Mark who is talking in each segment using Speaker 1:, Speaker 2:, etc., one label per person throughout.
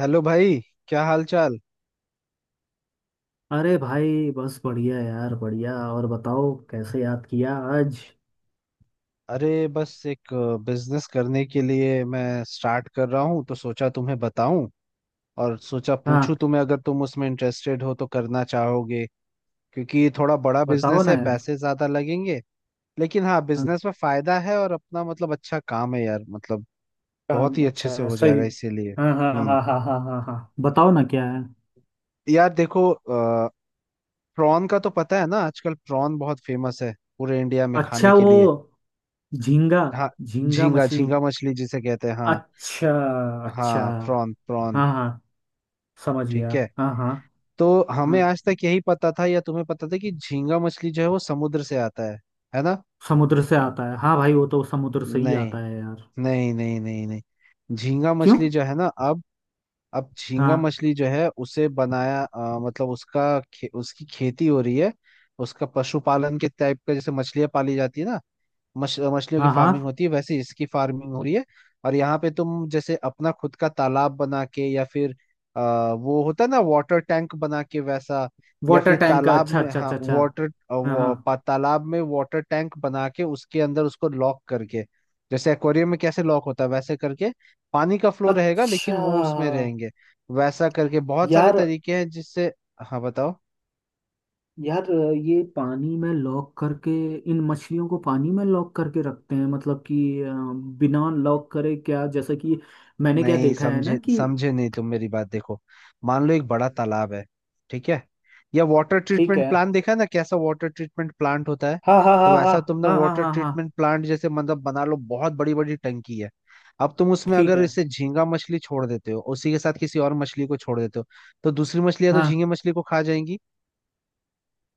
Speaker 1: Hello भाई। क्या हाल चाल।
Speaker 2: अरे भाई, बस बढ़िया यार, बढ़िया। और बताओ, कैसे याद किया आज?
Speaker 1: अरे बस एक बिजनेस करने के लिए मैं स्टार्ट कर रहा हूँ, तो सोचा तुम्हें बताऊं और सोचा पूछूं
Speaker 2: हाँ,
Speaker 1: तुम्हें, अगर तुम उसमें इंटरेस्टेड हो तो करना चाहोगे। क्योंकि ये थोड़ा बड़ा
Speaker 2: बताओ
Speaker 1: बिजनेस
Speaker 2: ना
Speaker 1: है,
Speaker 2: यार।
Speaker 1: पैसे ज्यादा लगेंगे। लेकिन हाँ,
Speaker 2: हाँ,
Speaker 1: बिजनेस में फायदा है और अपना मतलब अच्छा काम है यार, मतलब
Speaker 2: काम
Speaker 1: बहुत ही अच्छे
Speaker 2: अच्छा
Speaker 1: से
Speaker 2: है,
Speaker 1: हो
Speaker 2: सही।
Speaker 1: जाएगा इसीलिए।
Speaker 2: हाँ हाँ हाँ
Speaker 1: हम्म।
Speaker 2: हाँ हाँ हाँ हाँ, बताओ ना क्या है।
Speaker 1: यार देखो, प्रॉन का तो पता है ना, आजकल प्रॉन बहुत फेमस है पूरे इंडिया में खाने
Speaker 2: अच्छा,
Speaker 1: के
Speaker 2: वो
Speaker 1: लिए।
Speaker 2: झींगा।
Speaker 1: हाँ,
Speaker 2: झींगा
Speaker 1: झींगा
Speaker 2: मछली।
Speaker 1: झींगा मछली जिसे कहते हैं, हाँ।
Speaker 2: अच्छा। अच्छा
Speaker 1: हाँ प्रॉन प्रॉन।
Speaker 2: हाँ हाँ, समझ गया
Speaker 1: ठीक है,
Speaker 2: हाँ हाँ।
Speaker 1: तो हमें
Speaker 2: हाँ
Speaker 1: आज तक यही पता था या तुम्हें पता था कि झींगा मछली जो है वो समुद्र से आता है ना।
Speaker 2: समुद्र से आता है, हाँ भाई वो तो समुद्र से ही
Speaker 1: नहीं
Speaker 2: आता है यार।
Speaker 1: नहीं नहीं नहीं नहीं झींगा
Speaker 2: क्यों?
Speaker 1: मछली जो है ना अब झींगा
Speaker 2: हाँ
Speaker 1: मछली जो है उसे बनाया मतलब उसका उसकी खेती हो रही है। उसका पशुपालन के टाइप का, जैसे मछलियां पाली जाती है ना, मछ मछलियों की
Speaker 2: हाँ
Speaker 1: फार्मिंग
Speaker 2: हाँ।
Speaker 1: होती है, वैसे इसकी फार्मिंग हो रही है। और यहाँ पे तुम जैसे अपना खुद का तालाब बना के या फिर वो होता है ना वाटर टैंक, बना के वैसा या
Speaker 2: वाटर
Speaker 1: फिर
Speaker 2: टैंक का?
Speaker 1: तालाब
Speaker 2: अच्छा
Speaker 1: में,
Speaker 2: अच्छा
Speaker 1: हाँ
Speaker 2: अच्छा अच्छा।
Speaker 1: वाटर,
Speaker 2: हाँ हाँ।
Speaker 1: तालाब में वाटर टैंक बना के उसके अंदर उसको लॉक करके, जैसे एक्वेरियम में कैसे लॉक होता है वैसे करके, पानी का फ्लो रहेगा लेकिन
Speaker 2: अच्छा।
Speaker 1: वो उसमें रहेंगे। वैसा करके बहुत सारे
Speaker 2: यार,
Speaker 1: तरीके हैं जिससे। हाँ बताओ।
Speaker 2: यार ये पानी में लॉक करके, इन मछलियों को पानी में लॉक करके रखते हैं, मतलब कि बिना लॉक करे क्या, जैसे कि मैंने क्या
Speaker 1: नहीं
Speaker 2: देखा है ना
Speaker 1: समझे,
Speaker 2: कि।
Speaker 1: समझे नहीं तुम मेरी बात, देखो मान लो एक बड़ा तालाब है। ठीक है। या वाटर
Speaker 2: ठीक
Speaker 1: ट्रीटमेंट
Speaker 2: है।
Speaker 1: प्लांट देखा है ना, कैसा वाटर ट्रीटमेंट प्लांट होता है।
Speaker 2: हाँ हाँ
Speaker 1: तो
Speaker 2: हाँ
Speaker 1: वैसा
Speaker 2: हाँ
Speaker 1: तुमने
Speaker 2: हाँ हाँ
Speaker 1: वाटर
Speaker 2: हाँ हाँ।
Speaker 1: ट्रीटमेंट प्लांट जैसे मतलब बना लो, बहुत बड़ी बड़ी टंकी है। अब तुम उसमें
Speaker 2: ठीक
Speaker 1: अगर
Speaker 2: है।
Speaker 1: इसे झींगा मछली छोड़ देते हो, उसी के साथ किसी और मछली को छोड़ देते हो, तो दूसरी मछलियां तो
Speaker 2: हाँ।
Speaker 1: झींगे मछली को खा जाएंगी।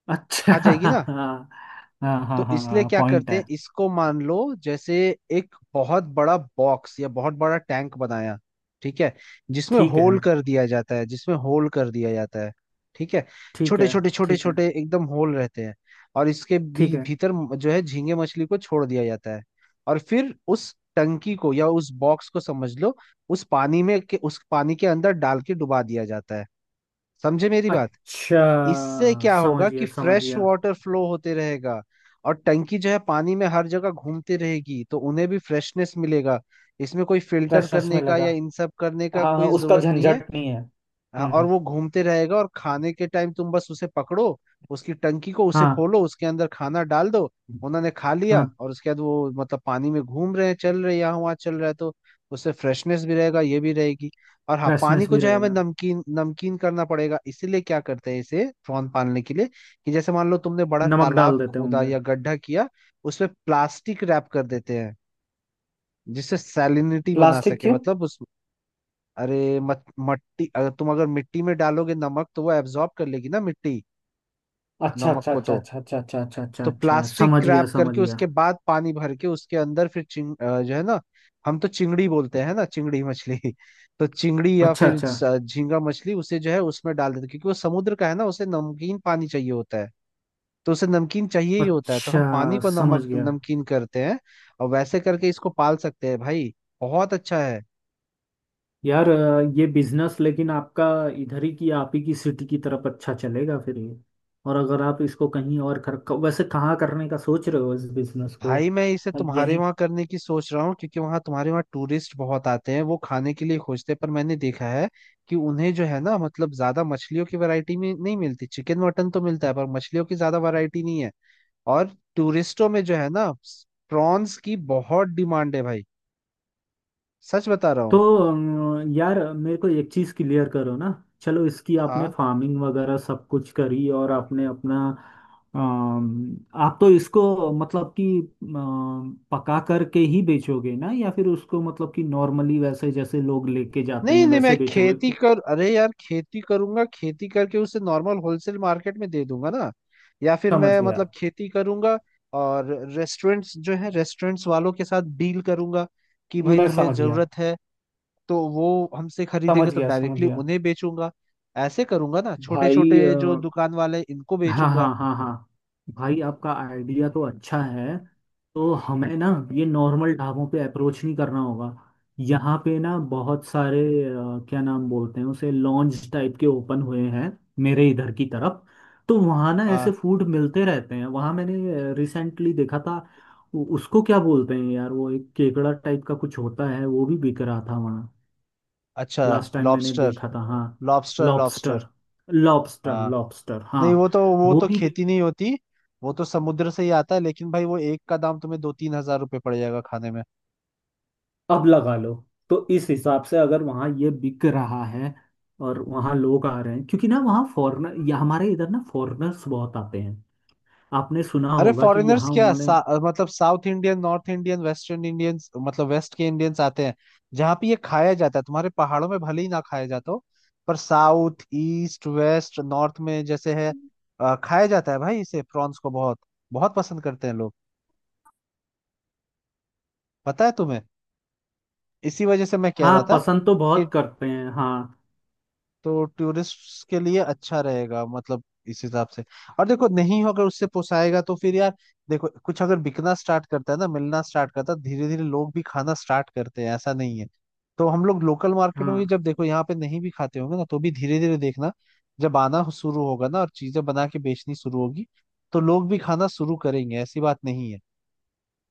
Speaker 2: अच्छा
Speaker 1: खा जाएगी
Speaker 2: हाँ।
Speaker 1: ना।
Speaker 2: हाँ हाँ
Speaker 1: तो
Speaker 2: हाँ
Speaker 1: इसलिए
Speaker 2: हाँ,
Speaker 1: क्या
Speaker 2: पॉइंट
Speaker 1: करते
Speaker 2: है।
Speaker 1: हैं इसको, मान लो जैसे एक बहुत बड़ा बॉक्स या बहुत बड़ा टैंक बनाया। ठीक है। जिसमें
Speaker 2: ठीक है।
Speaker 1: होल कर दिया जाता है, जिसमें होल कर दिया जाता है। ठीक है।
Speaker 2: ठीक
Speaker 1: छोटे
Speaker 2: है।
Speaker 1: छोटे छोटे
Speaker 2: ठीक है।
Speaker 1: छोटे एकदम होल रहते हैं। और इसके
Speaker 2: ठीक है।
Speaker 1: भीतर जो है झींगे मछली को छोड़ दिया जाता है। और फिर उस टंकी को या उस बॉक्स को समझ लो उस पानी में के उस पानी के अंदर डाल के डुबा दिया जाता है। समझे मेरी बात।
Speaker 2: अच्छा,
Speaker 1: इससे क्या
Speaker 2: समझ
Speaker 1: होगा कि
Speaker 2: गया समझ
Speaker 1: फ्रेश
Speaker 2: गया।
Speaker 1: वाटर फ्लो होते रहेगा, और टंकी जो है पानी में हर जगह घूमती रहेगी, तो उन्हें भी फ्रेशनेस मिलेगा। इसमें कोई फिल्टर
Speaker 2: फ्रेशनेस
Speaker 1: करने
Speaker 2: में
Speaker 1: का
Speaker 2: लगा।
Speaker 1: या इन सब करने का
Speaker 2: हाँ
Speaker 1: कोई
Speaker 2: उसका
Speaker 1: जरूरत नहीं है।
Speaker 2: झंझट नहीं है।
Speaker 1: हाँ, और
Speaker 2: हम्म।
Speaker 1: वो घूमते रहेगा और खाने के टाइम तुम बस उसे पकड़ो, उसकी टंकी को उसे
Speaker 2: हाँ
Speaker 1: खोलो, उसके अंदर खाना डाल दो। उन्होंने खा लिया
Speaker 2: हाँ।
Speaker 1: और उसके बाद वो मतलब पानी में घूम रहे हैं, चल रहे हैं, यहाँ वहाँ चल रहा है, तो उससे फ्रेशनेस भी रहेगा ये भी रहेगी। और हाँ, पानी
Speaker 2: फ्रेशनेस
Speaker 1: को
Speaker 2: भी
Speaker 1: जो है हमें
Speaker 2: रहेगा।
Speaker 1: नमकीन नमकीन करना पड़ेगा, इसीलिए क्या करते हैं इसे प्रॉन पालने के लिए कि जैसे मान लो तुमने बड़ा
Speaker 2: नमक
Speaker 1: तालाब
Speaker 2: डाल देते
Speaker 1: खोदा
Speaker 2: होंगे।
Speaker 1: या गड्ढा किया, उसमें प्लास्टिक रैप कर देते हैं, जिससे सैलिनिटी बना
Speaker 2: प्लास्टिक
Speaker 1: सके
Speaker 2: क्यों?
Speaker 1: मतलब उस। अरे मत मट्टी, अगर तुम अगर मिट्टी में डालोगे नमक तो वो एब्जॉर्ब कर लेगी ना मिट्टी
Speaker 2: अच्छा
Speaker 1: नमक
Speaker 2: अच्छा
Speaker 1: को।
Speaker 2: अच्छा अच्छा अच्छा अच्छा अच्छा अच्छा
Speaker 1: तो
Speaker 2: अच्छा, समझ
Speaker 1: प्लास्टिक
Speaker 2: गया
Speaker 1: रैप
Speaker 2: समझ
Speaker 1: करके
Speaker 2: गया।
Speaker 1: उसके बाद पानी भर के उसके अंदर फिर जो है ना, हम तो चिंगड़ी बोलते हैं ना, चिंगड़ी मछली। तो चिंगड़ी या
Speaker 2: अच्छा
Speaker 1: फिर
Speaker 2: अच्छा।
Speaker 1: झींगा मछली उसे जो है उसमें डाल देते, क्योंकि वो समुद्र का है ना, उसे नमकीन पानी चाहिए होता है। तो उसे नमकीन चाहिए ही होता है, तो हम पानी
Speaker 2: अच्छा,
Speaker 1: को नमक
Speaker 2: समझ गया।
Speaker 1: नमकीन करते हैं। और वैसे करके इसको पाल सकते हैं भाई, बहुत अच्छा है।
Speaker 2: यार ये बिजनेस लेकिन आपका इधर ही की, आप ही की सिटी की तरफ अच्छा चलेगा फिर ये। और अगर आप इसको कहीं और कर क- वैसे कहाँ करने का सोच रहे हो इस बिजनेस को?
Speaker 1: भाई मैं इसे तुम्हारे
Speaker 2: यहीं?
Speaker 1: वहां करने की सोच रहा हूँ, क्योंकि वहां तुम्हारे वहां टूरिस्ट बहुत आते हैं, वो खाने के लिए खोजते हैं, पर मैंने देखा है कि उन्हें जो है ना मतलब ज्यादा मछलियों की वैरायटी में नहीं मिलती। चिकन मटन तो मिलता है, पर मछलियों की ज्यादा वैरायटी नहीं है। और टूरिस्टों में जो है ना, प्रॉन्स की बहुत डिमांड है भाई, सच बता रहा
Speaker 2: तो
Speaker 1: हूँ।
Speaker 2: यार मेरे को एक चीज क्लियर करो ना। चलो इसकी आपने
Speaker 1: हाँ
Speaker 2: फार्मिंग वगैरह सब कुछ करी और आपने अपना आप तो इसको मतलब कि पका करके ही बेचोगे ना, या फिर उसको मतलब कि नॉर्मली वैसे जैसे लोग लेके जाते
Speaker 1: नहीं
Speaker 2: हैं
Speaker 1: नहीं, मैं
Speaker 2: वैसे बेचोगे
Speaker 1: खेती
Speaker 2: कि-।
Speaker 1: कर, अरे यार खेती करूंगा, खेती करके उसे नॉर्मल होलसेल मार्केट में दे दूंगा ना। या फिर
Speaker 2: समझ
Speaker 1: मैं
Speaker 2: गया।
Speaker 1: मतलब खेती करूंगा और रेस्टोरेंट्स जो है रेस्टोरेंट्स वालों के साथ डील करूंगा कि भाई
Speaker 2: मैं
Speaker 1: तुम्हें
Speaker 2: समझ गया।
Speaker 1: जरूरत है तो वो हमसे खरीदेंगे,
Speaker 2: समझ
Speaker 1: तो
Speaker 2: गया समझ
Speaker 1: डायरेक्टली
Speaker 2: गया।
Speaker 1: उन्हें बेचूंगा। ऐसे करूंगा ना, छोटे
Speaker 2: भाई
Speaker 1: छोटे जो दुकान वाले इनको
Speaker 2: हाँ
Speaker 1: बेचूंगा।
Speaker 2: हाँ हाँ हाँ, भाई आपका आइडिया तो अच्छा है। तो हमें ना ये नॉर्मल ढाबों पे अप्रोच नहीं करना होगा। यहाँ पे ना बहुत सारे क्या नाम बोलते हैं उसे, लॉन्ज टाइप के ओपन हुए हैं मेरे इधर की तरफ। तो वहाँ ना
Speaker 1: हाँ।
Speaker 2: ऐसे फूड मिलते रहते हैं, वहाँ मैंने रिसेंटली देखा था। उ- उसको क्या बोलते हैं यार, वो एक केकड़ा टाइप का कुछ होता है, वो भी बिक रहा था वहाँ।
Speaker 1: अच्छा।
Speaker 2: लास्ट टाइम मैंने
Speaker 1: लॉबस्टर
Speaker 2: देखा था, हाँ।
Speaker 1: Lobster lobster.
Speaker 2: Lobster. Lobster lobster, हाँ।
Speaker 1: नहीं वो तो, वो
Speaker 2: वो
Speaker 1: तो
Speaker 2: भी।
Speaker 1: खेती नहीं होती, वो तो समुद्र से ही आता है। लेकिन भाई वो एक का दाम तुम्हें दो तीन हजार रुपये पड़ जाएगा खाने में।
Speaker 2: अब लगा लो। तो इस हिसाब से अगर वहाँ ये बिक रहा है और वहाँ लोग आ रहे हैं, क्योंकि ना वहाँ फॉरेनर, या हमारे इधर ना फॉरेनर्स बहुत आते हैं। आपने सुना
Speaker 1: अरे
Speaker 2: होगा कि
Speaker 1: फॉरेनर्स
Speaker 2: यहाँ
Speaker 1: क्या
Speaker 2: उन्होंने।
Speaker 1: मतलब south Indian north Indian western Indians, मतलब वेस्ट के इंडियंस आते हैं, जहाँ पे ये खाया जाता है। तुम्हारे पहाड़ों में भले ही ना खाया जाता हो, पर साउथ ईस्ट वेस्ट नॉर्थ में जैसे है, खाया जाता है भाई, इसे प्रॉन्स को बहुत बहुत पसंद करते हैं लोग। पता है तुम्हें, इसी वजह से मैं कह
Speaker 2: हाँ
Speaker 1: रहा था
Speaker 2: पसंद तो बहुत
Speaker 1: कि,
Speaker 2: करते हैं हाँ।
Speaker 1: तो टूरिस्ट के लिए अच्छा रहेगा मतलब, इस हिसाब से। और देखो नहीं होगा उससे पोसाएगा तो फिर यार, देखो कुछ अगर बिकना स्टार्ट करता है ना, मिलना स्टार्ट करता है, धीरे धीरे लोग भी खाना स्टार्ट करते हैं, ऐसा नहीं है। तो हम लोग लोकल मार्केट में भी
Speaker 2: हाँ।
Speaker 1: जब देखो यहाँ पे नहीं भी खाते होंगे ना, तो भी धीरे धीरे देखना जब आना शुरू होगा ना और चीजें बना के बेचनी शुरू होगी, तो लोग भी खाना शुरू करेंगे, ऐसी बात नहीं है।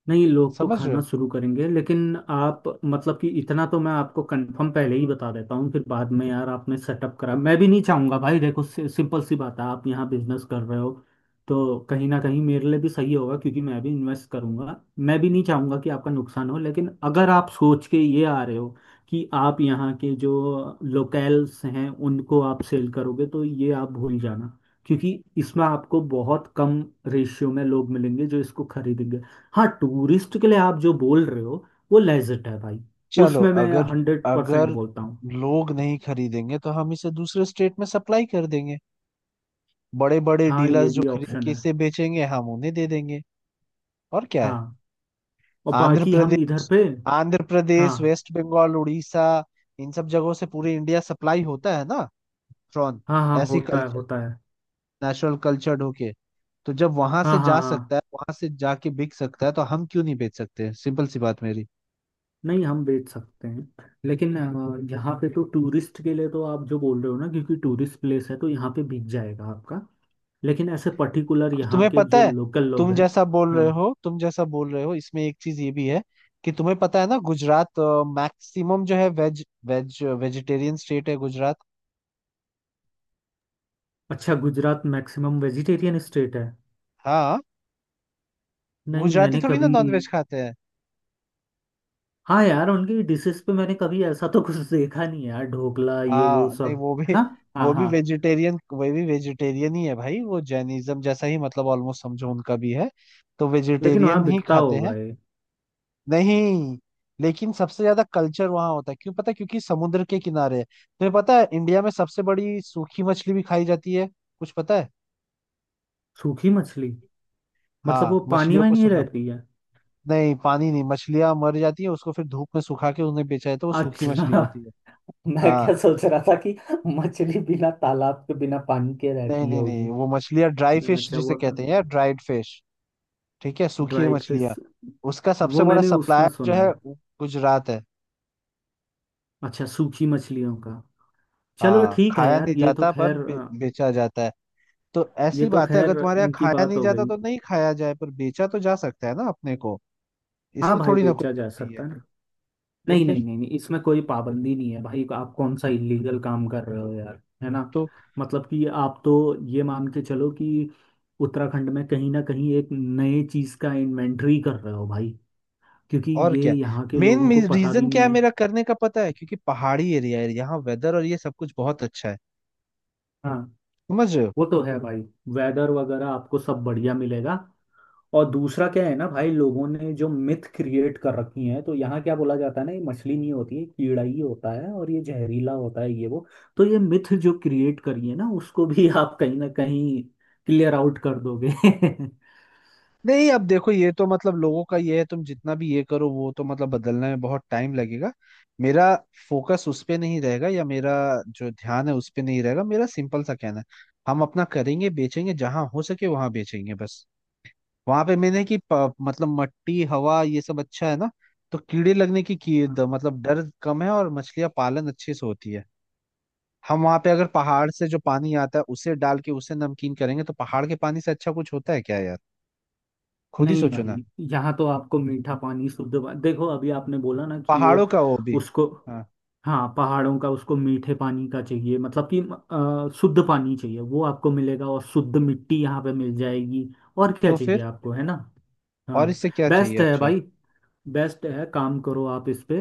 Speaker 2: नहीं लोग तो
Speaker 1: समझ रहे
Speaker 2: खाना
Speaker 1: हो।
Speaker 2: शुरू करेंगे, लेकिन आप मतलब कि इतना तो मैं आपको कंफर्म पहले ही बता देता हूँ, फिर बाद में यार आपने सेटअप करा, मैं भी नहीं चाहूँगा भाई। देखो सिंपल सी बात है, आप यहाँ बिजनेस कर रहे हो, तो कहीं ना कहीं मेरे लिए भी सही होगा क्योंकि मैं भी इन्वेस्ट करूंगा। मैं भी नहीं चाहूँगा कि आपका नुकसान हो, लेकिन अगर आप सोच के ये आ रहे हो कि आप यहाँ के जो लोकल्स हैं उनको आप सेल करोगे, तो ये आप भूल जाना। क्योंकि इसमें आपको बहुत कम रेशियो में लोग मिलेंगे जो इसको खरीदेंगे। हाँ टूरिस्ट के लिए आप जो बोल रहे हो वो लेजिट है भाई।
Speaker 1: चलो
Speaker 2: उसमें मैं
Speaker 1: अगर
Speaker 2: हंड्रेड परसेंट
Speaker 1: अगर
Speaker 2: बोलता हूँ।
Speaker 1: लोग नहीं खरीदेंगे तो हम इसे दूसरे स्टेट में सप्लाई कर देंगे। बड़े बड़े
Speaker 2: हाँ ये
Speaker 1: डीलर्स जो
Speaker 2: भी
Speaker 1: खरीद
Speaker 2: ऑप्शन
Speaker 1: के
Speaker 2: है।
Speaker 1: इसे बेचेंगे हम उन्हें दे देंगे। और क्या है।
Speaker 2: हाँ। और
Speaker 1: आंध्र
Speaker 2: बाकी हम इधर
Speaker 1: प्रदेश,
Speaker 2: पे।
Speaker 1: आंध्र प्रदेश
Speaker 2: हाँ
Speaker 1: वेस्ट बंगाल उड़ीसा, इन सब जगहों से पूरे इंडिया सप्लाई होता है ना, प्रॉन।
Speaker 2: हाँ हाँ
Speaker 1: ऐसी
Speaker 2: होता है
Speaker 1: कल्चर,
Speaker 2: होता है।
Speaker 1: नेचुरल कल्चर्ड होके। तो जब वहां से
Speaker 2: हाँ हाँ
Speaker 1: जा
Speaker 2: हाँ।
Speaker 1: सकता है, वहां से जाके बिक सकता है, तो हम क्यों नहीं बेच सकते, सिंपल सी बात मेरी।
Speaker 2: नहीं हम बेच सकते हैं, लेकिन यहाँ पे तो टूरिस्ट के लिए तो आप जो बोल रहे हो ना, क्योंकि टूरिस्ट प्लेस है तो यहाँ पे बिक जाएगा आपका। लेकिन ऐसे पर्टिकुलर
Speaker 1: और
Speaker 2: यहाँ
Speaker 1: तुम्हें
Speaker 2: के
Speaker 1: पता
Speaker 2: जो
Speaker 1: है,
Speaker 2: लोकल लोग हैं। हाँ।
Speaker 1: तुम जैसा बोल रहे हो इसमें एक चीज ये भी है कि तुम्हें पता है ना गुजरात, मैक्सिमम जो है वेज वेज वेजिटेरियन स्टेट है गुजरात।
Speaker 2: अच्छा, गुजरात मैक्सिमम वेजिटेरियन स्टेट है?
Speaker 1: हाँ,
Speaker 2: नहीं
Speaker 1: गुजराती
Speaker 2: मैंने
Speaker 1: थोड़ी ना
Speaker 2: कभी।
Speaker 1: नॉनवेज खाते हैं।
Speaker 2: हाँ यार, उनकी डिशेस पे मैंने कभी ऐसा तो कुछ देखा नहीं है यार, ढोकला ये
Speaker 1: हाँ
Speaker 2: वो
Speaker 1: नहीं
Speaker 2: सब। है ना?
Speaker 1: वो
Speaker 2: हाँ
Speaker 1: भी
Speaker 2: हाँ।
Speaker 1: वेजिटेरियन, वो भी वेजिटेरियन ही है भाई, वो जैनिज्म जैसा ही मतलब ऑलमोस्ट समझो उनका भी है। तो
Speaker 2: लेकिन वहाँ
Speaker 1: वेजिटेरियन ही
Speaker 2: बिकता
Speaker 1: खाते हैं।
Speaker 2: होगा ये।
Speaker 1: नहीं, लेकिन सबसे ज्यादा कल्चर वहाँ होता है क्यों पता है, क्योंकि समुद्र के किनारे है। तुम्हें पता है इंडिया में सबसे बड़ी सूखी मछली भी खाई जाती है, कुछ पता है।
Speaker 2: सूखी मछली? मतलब
Speaker 1: हाँ
Speaker 2: वो पानी
Speaker 1: मछलियों
Speaker 2: में
Speaker 1: को
Speaker 2: नहीं
Speaker 1: सुखा,
Speaker 2: रहती है?
Speaker 1: नहीं पानी नहीं, मछलियां मर जाती है उसको फिर धूप में सुखा के उन्हें बेचा जाता है, तो वो सूखी
Speaker 2: अच्छा
Speaker 1: मछली होती है।
Speaker 2: मैं क्या
Speaker 1: हाँ
Speaker 2: सोच रहा था कि मछली बिना तालाब के बिना पानी के
Speaker 1: नहीं
Speaker 2: रहती
Speaker 1: नहीं नहीं,
Speaker 2: होगी।
Speaker 1: वो मछलियाँ ड्राई फिश
Speaker 2: अच्छा
Speaker 1: जिसे
Speaker 2: वो तो।
Speaker 1: कहते हैं यार, ड्राइड फिश। ठीक है, सूखी
Speaker 2: ड्राइड
Speaker 1: मछलियाँ।
Speaker 2: फिश।
Speaker 1: उसका सबसे
Speaker 2: वो
Speaker 1: बड़ा
Speaker 2: मैंने उसमें
Speaker 1: सप्लायर जो
Speaker 2: सुना
Speaker 1: है
Speaker 2: है।
Speaker 1: वो गुजरात है।
Speaker 2: अच्छा, सूखी मछलियों का। चलो
Speaker 1: हाँ
Speaker 2: ठीक है
Speaker 1: खाया
Speaker 2: यार,
Speaker 1: नहीं
Speaker 2: ये तो
Speaker 1: जाता पर
Speaker 2: खैर
Speaker 1: बेचा जाता है। तो
Speaker 2: ये
Speaker 1: ऐसी
Speaker 2: तो
Speaker 1: बात है, अगर
Speaker 2: खैर
Speaker 1: तुम्हारे यहाँ
Speaker 2: इनकी
Speaker 1: खाया
Speaker 2: बात
Speaker 1: नहीं
Speaker 2: हो
Speaker 1: जाता
Speaker 2: गई।
Speaker 1: तो नहीं खाया जाए, पर बेचा तो जा सकता है ना अपने को।
Speaker 2: हाँ
Speaker 1: इसमें
Speaker 2: भाई
Speaker 1: थोड़ी ना कोई
Speaker 2: बेचा जा
Speaker 1: नहीं है।
Speaker 2: सकता है।
Speaker 1: तो
Speaker 2: नहीं नहीं
Speaker 1: फिर,
Speaker 2: नहीं नहीं, इसमें कोई पाबंदी नहीं है भाई। आप कौन सा इलीगल काम कर रहे हो यार, है ना?
Speaker 1: तो
Speaker 2: मतलब कि आप तो ये मान के चलो कि उत्तराखंड में कहीं ना कहीं एक नए चीज का इन्वेंटरी कर रहे हो भाई, क्योंकि
Speaker 1: और
Speaker 2: ये
Speaker 1: क्या,
Speaker 2: यहाँ के
Speaker 1: मेन
Speaker 2: लोगों को पता भी
Speaker 1: रीजन क्या
Speaker 2: नहीं
Speaker 1: है
Speaker 2: है।
Speaker 1: मेरा करने का पता है, क्योंकि पहाड़ी एरिया है यहाँ, वेदर और ये सब कुछ बहुत अच्छा है।
Speaker 2: हाँ
Speaker 1: समझ रहे हो।
Speaker 2: वो तो है भाई। वेदर वगैरह आपको सब बढ़िया मिलेगा। और दूसरा क्या है ना भाई, लोगों ने जो मिथ क्रिएट कर रखी हैं, तो यहाँ क्या बोला जाता है ना, ये मछली नहीं होती है कीड़ा ही होता है और ये जहरीला होता है ये वो। तो ये मिथ जो क्रिएट करी है ना उसको भी आप कहीं ना कहीं क्लियर आउट कर दोगे
Speaker 1: नहीं अब देखो ये तो मतलब लोगों का ये है, तुम जितना भी ये करो वो तो मतलब बदलने में बहुत टाइम लगेगा। मेरा फोकस उस पे नहीं रहेगा या मेरा जो ध्यान है उस पे नहीं रहेगा। मेरा सिंपल सा कहना है, हम अपना करेंगे, बेचेंगे जहां हो सके वहां बेचेंगे बस। वहां पे मैंने कि मतलब मट्टी हवा ये सब अच्छा है ना, तो कीड़े लगने की मतलब डर कम है और मछलियां पालन अच्छे से होती है। हम वहां पे अगर पहाड़ से जो पानी आता है उसे डाल के उसे नमकीन करेंगे, तो पहाड़ के पानी से अच्छा कुछ होता है क्या यार, खुद ही
Speaker 2: नहीं
Speaker 1: सोचो ना।
Speaker 2: भाई, यहाँ तो आपको मीठा पानी, शुद्ध पानी, देखो अभी आपने बोला ना कि वो
Speaker 1: पहाड़ों का वो भी,
Speaker 2: उसको।
Speaker 1: हाँ।
Speaker 2: हाँ पहाड़ों का, उसको मीठे पानी का चाहिए, मतलब कि शुद्ध पानी चाहिए, वो आपको मिलेगा, और शुद्ध मिट्टी यहाँ पे मिल जाएगी। और क्या
Speaker 1: तो
Speaker 2: चाहिए
Speaker 1: फिर
Speaker 2: आपको, है ना।
Speaker 1: और
Speaker 2: हाँ।
Speaker 1: इससे क्या चाहिए,
Speaker 2: बेस्ट है
Speaker 1: अच्छा।
Speaker 2: भाई। बेस्ट है, काम करो आप इस पे।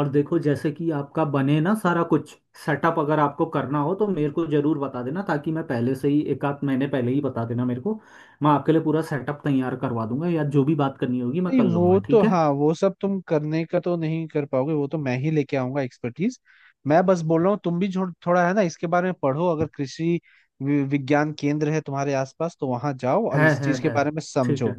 Speaker 2: और देखो जैसे कि आपका बने ना सारा कुछ सेटअप, अगर आपको करना हो तो मेरे को जरूर बता देना। ताकि मैं पहले से ही, एक आध महीने पहले ही बता देना मेरे को। मैं आपके लिए पूरा सेटअप तैयार करवा दूंगा, या जो भी बात करनी होगी मैं
Speaker 1: नहीं
Speaker 2: कर लूंगा,
Speaker 1: वो तो
Speaker 2: ठीक है।
Speaker 1: हाँ, वो सब तुम करने का तो नहीं कर पाओगे, वो तो मैं ही लेके आऊंगा एक्सपर्टीज। मैं बस बोल रहा हूँ तुम भी थोड़ा है ना इसके बारे में पढ़ो, अगर कृषि विज्ञान केंद्र है तुम्हारे आसपास तो वहां जाओ और इस
Speaker 2: है
Speaker 1: चीज के
Speaker 2: है।
Speaker 1: बारे में
Speaker 2: ठीक
Speaker 1: समझो
Speaker 2: है।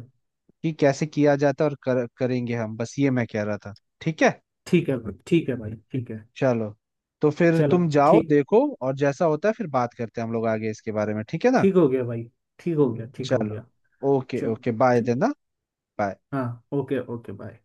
Speaker 1: कि कैसे किया जाता है, और करेंगे हम, बस ये मैं कह रहा था। ठीक है।
Speaker 2: ठीक है भाई,
Speaker 1: ठीक
Speaker 2: ठीक
Speaker 1: है
Speaker 2: है भाई ठीक है।
Speaker 1: चलो, तो फिर
Speaker 2: चलो।
Speaker 1: तुम जाओ
Speaker 2: ठीक।
Speaker 1: देखो और जैसा होता है फिर बात करते हैं हम लोग आगे इसके बारे में, ठीक है ना।
Speaker 2: ठीक हो गया भाई। ठीक हो गया ठीक हो
Speaker 1: चलो,
Speaker 2: गया।
Speaker 1: ओके
Speaker 2: चलो।
Speaker 1: ओके बाय
Speaker 2: ठीक।
Speaker 1: देन। Bye.
Speaker 2: हाँ ओके ओके बाय।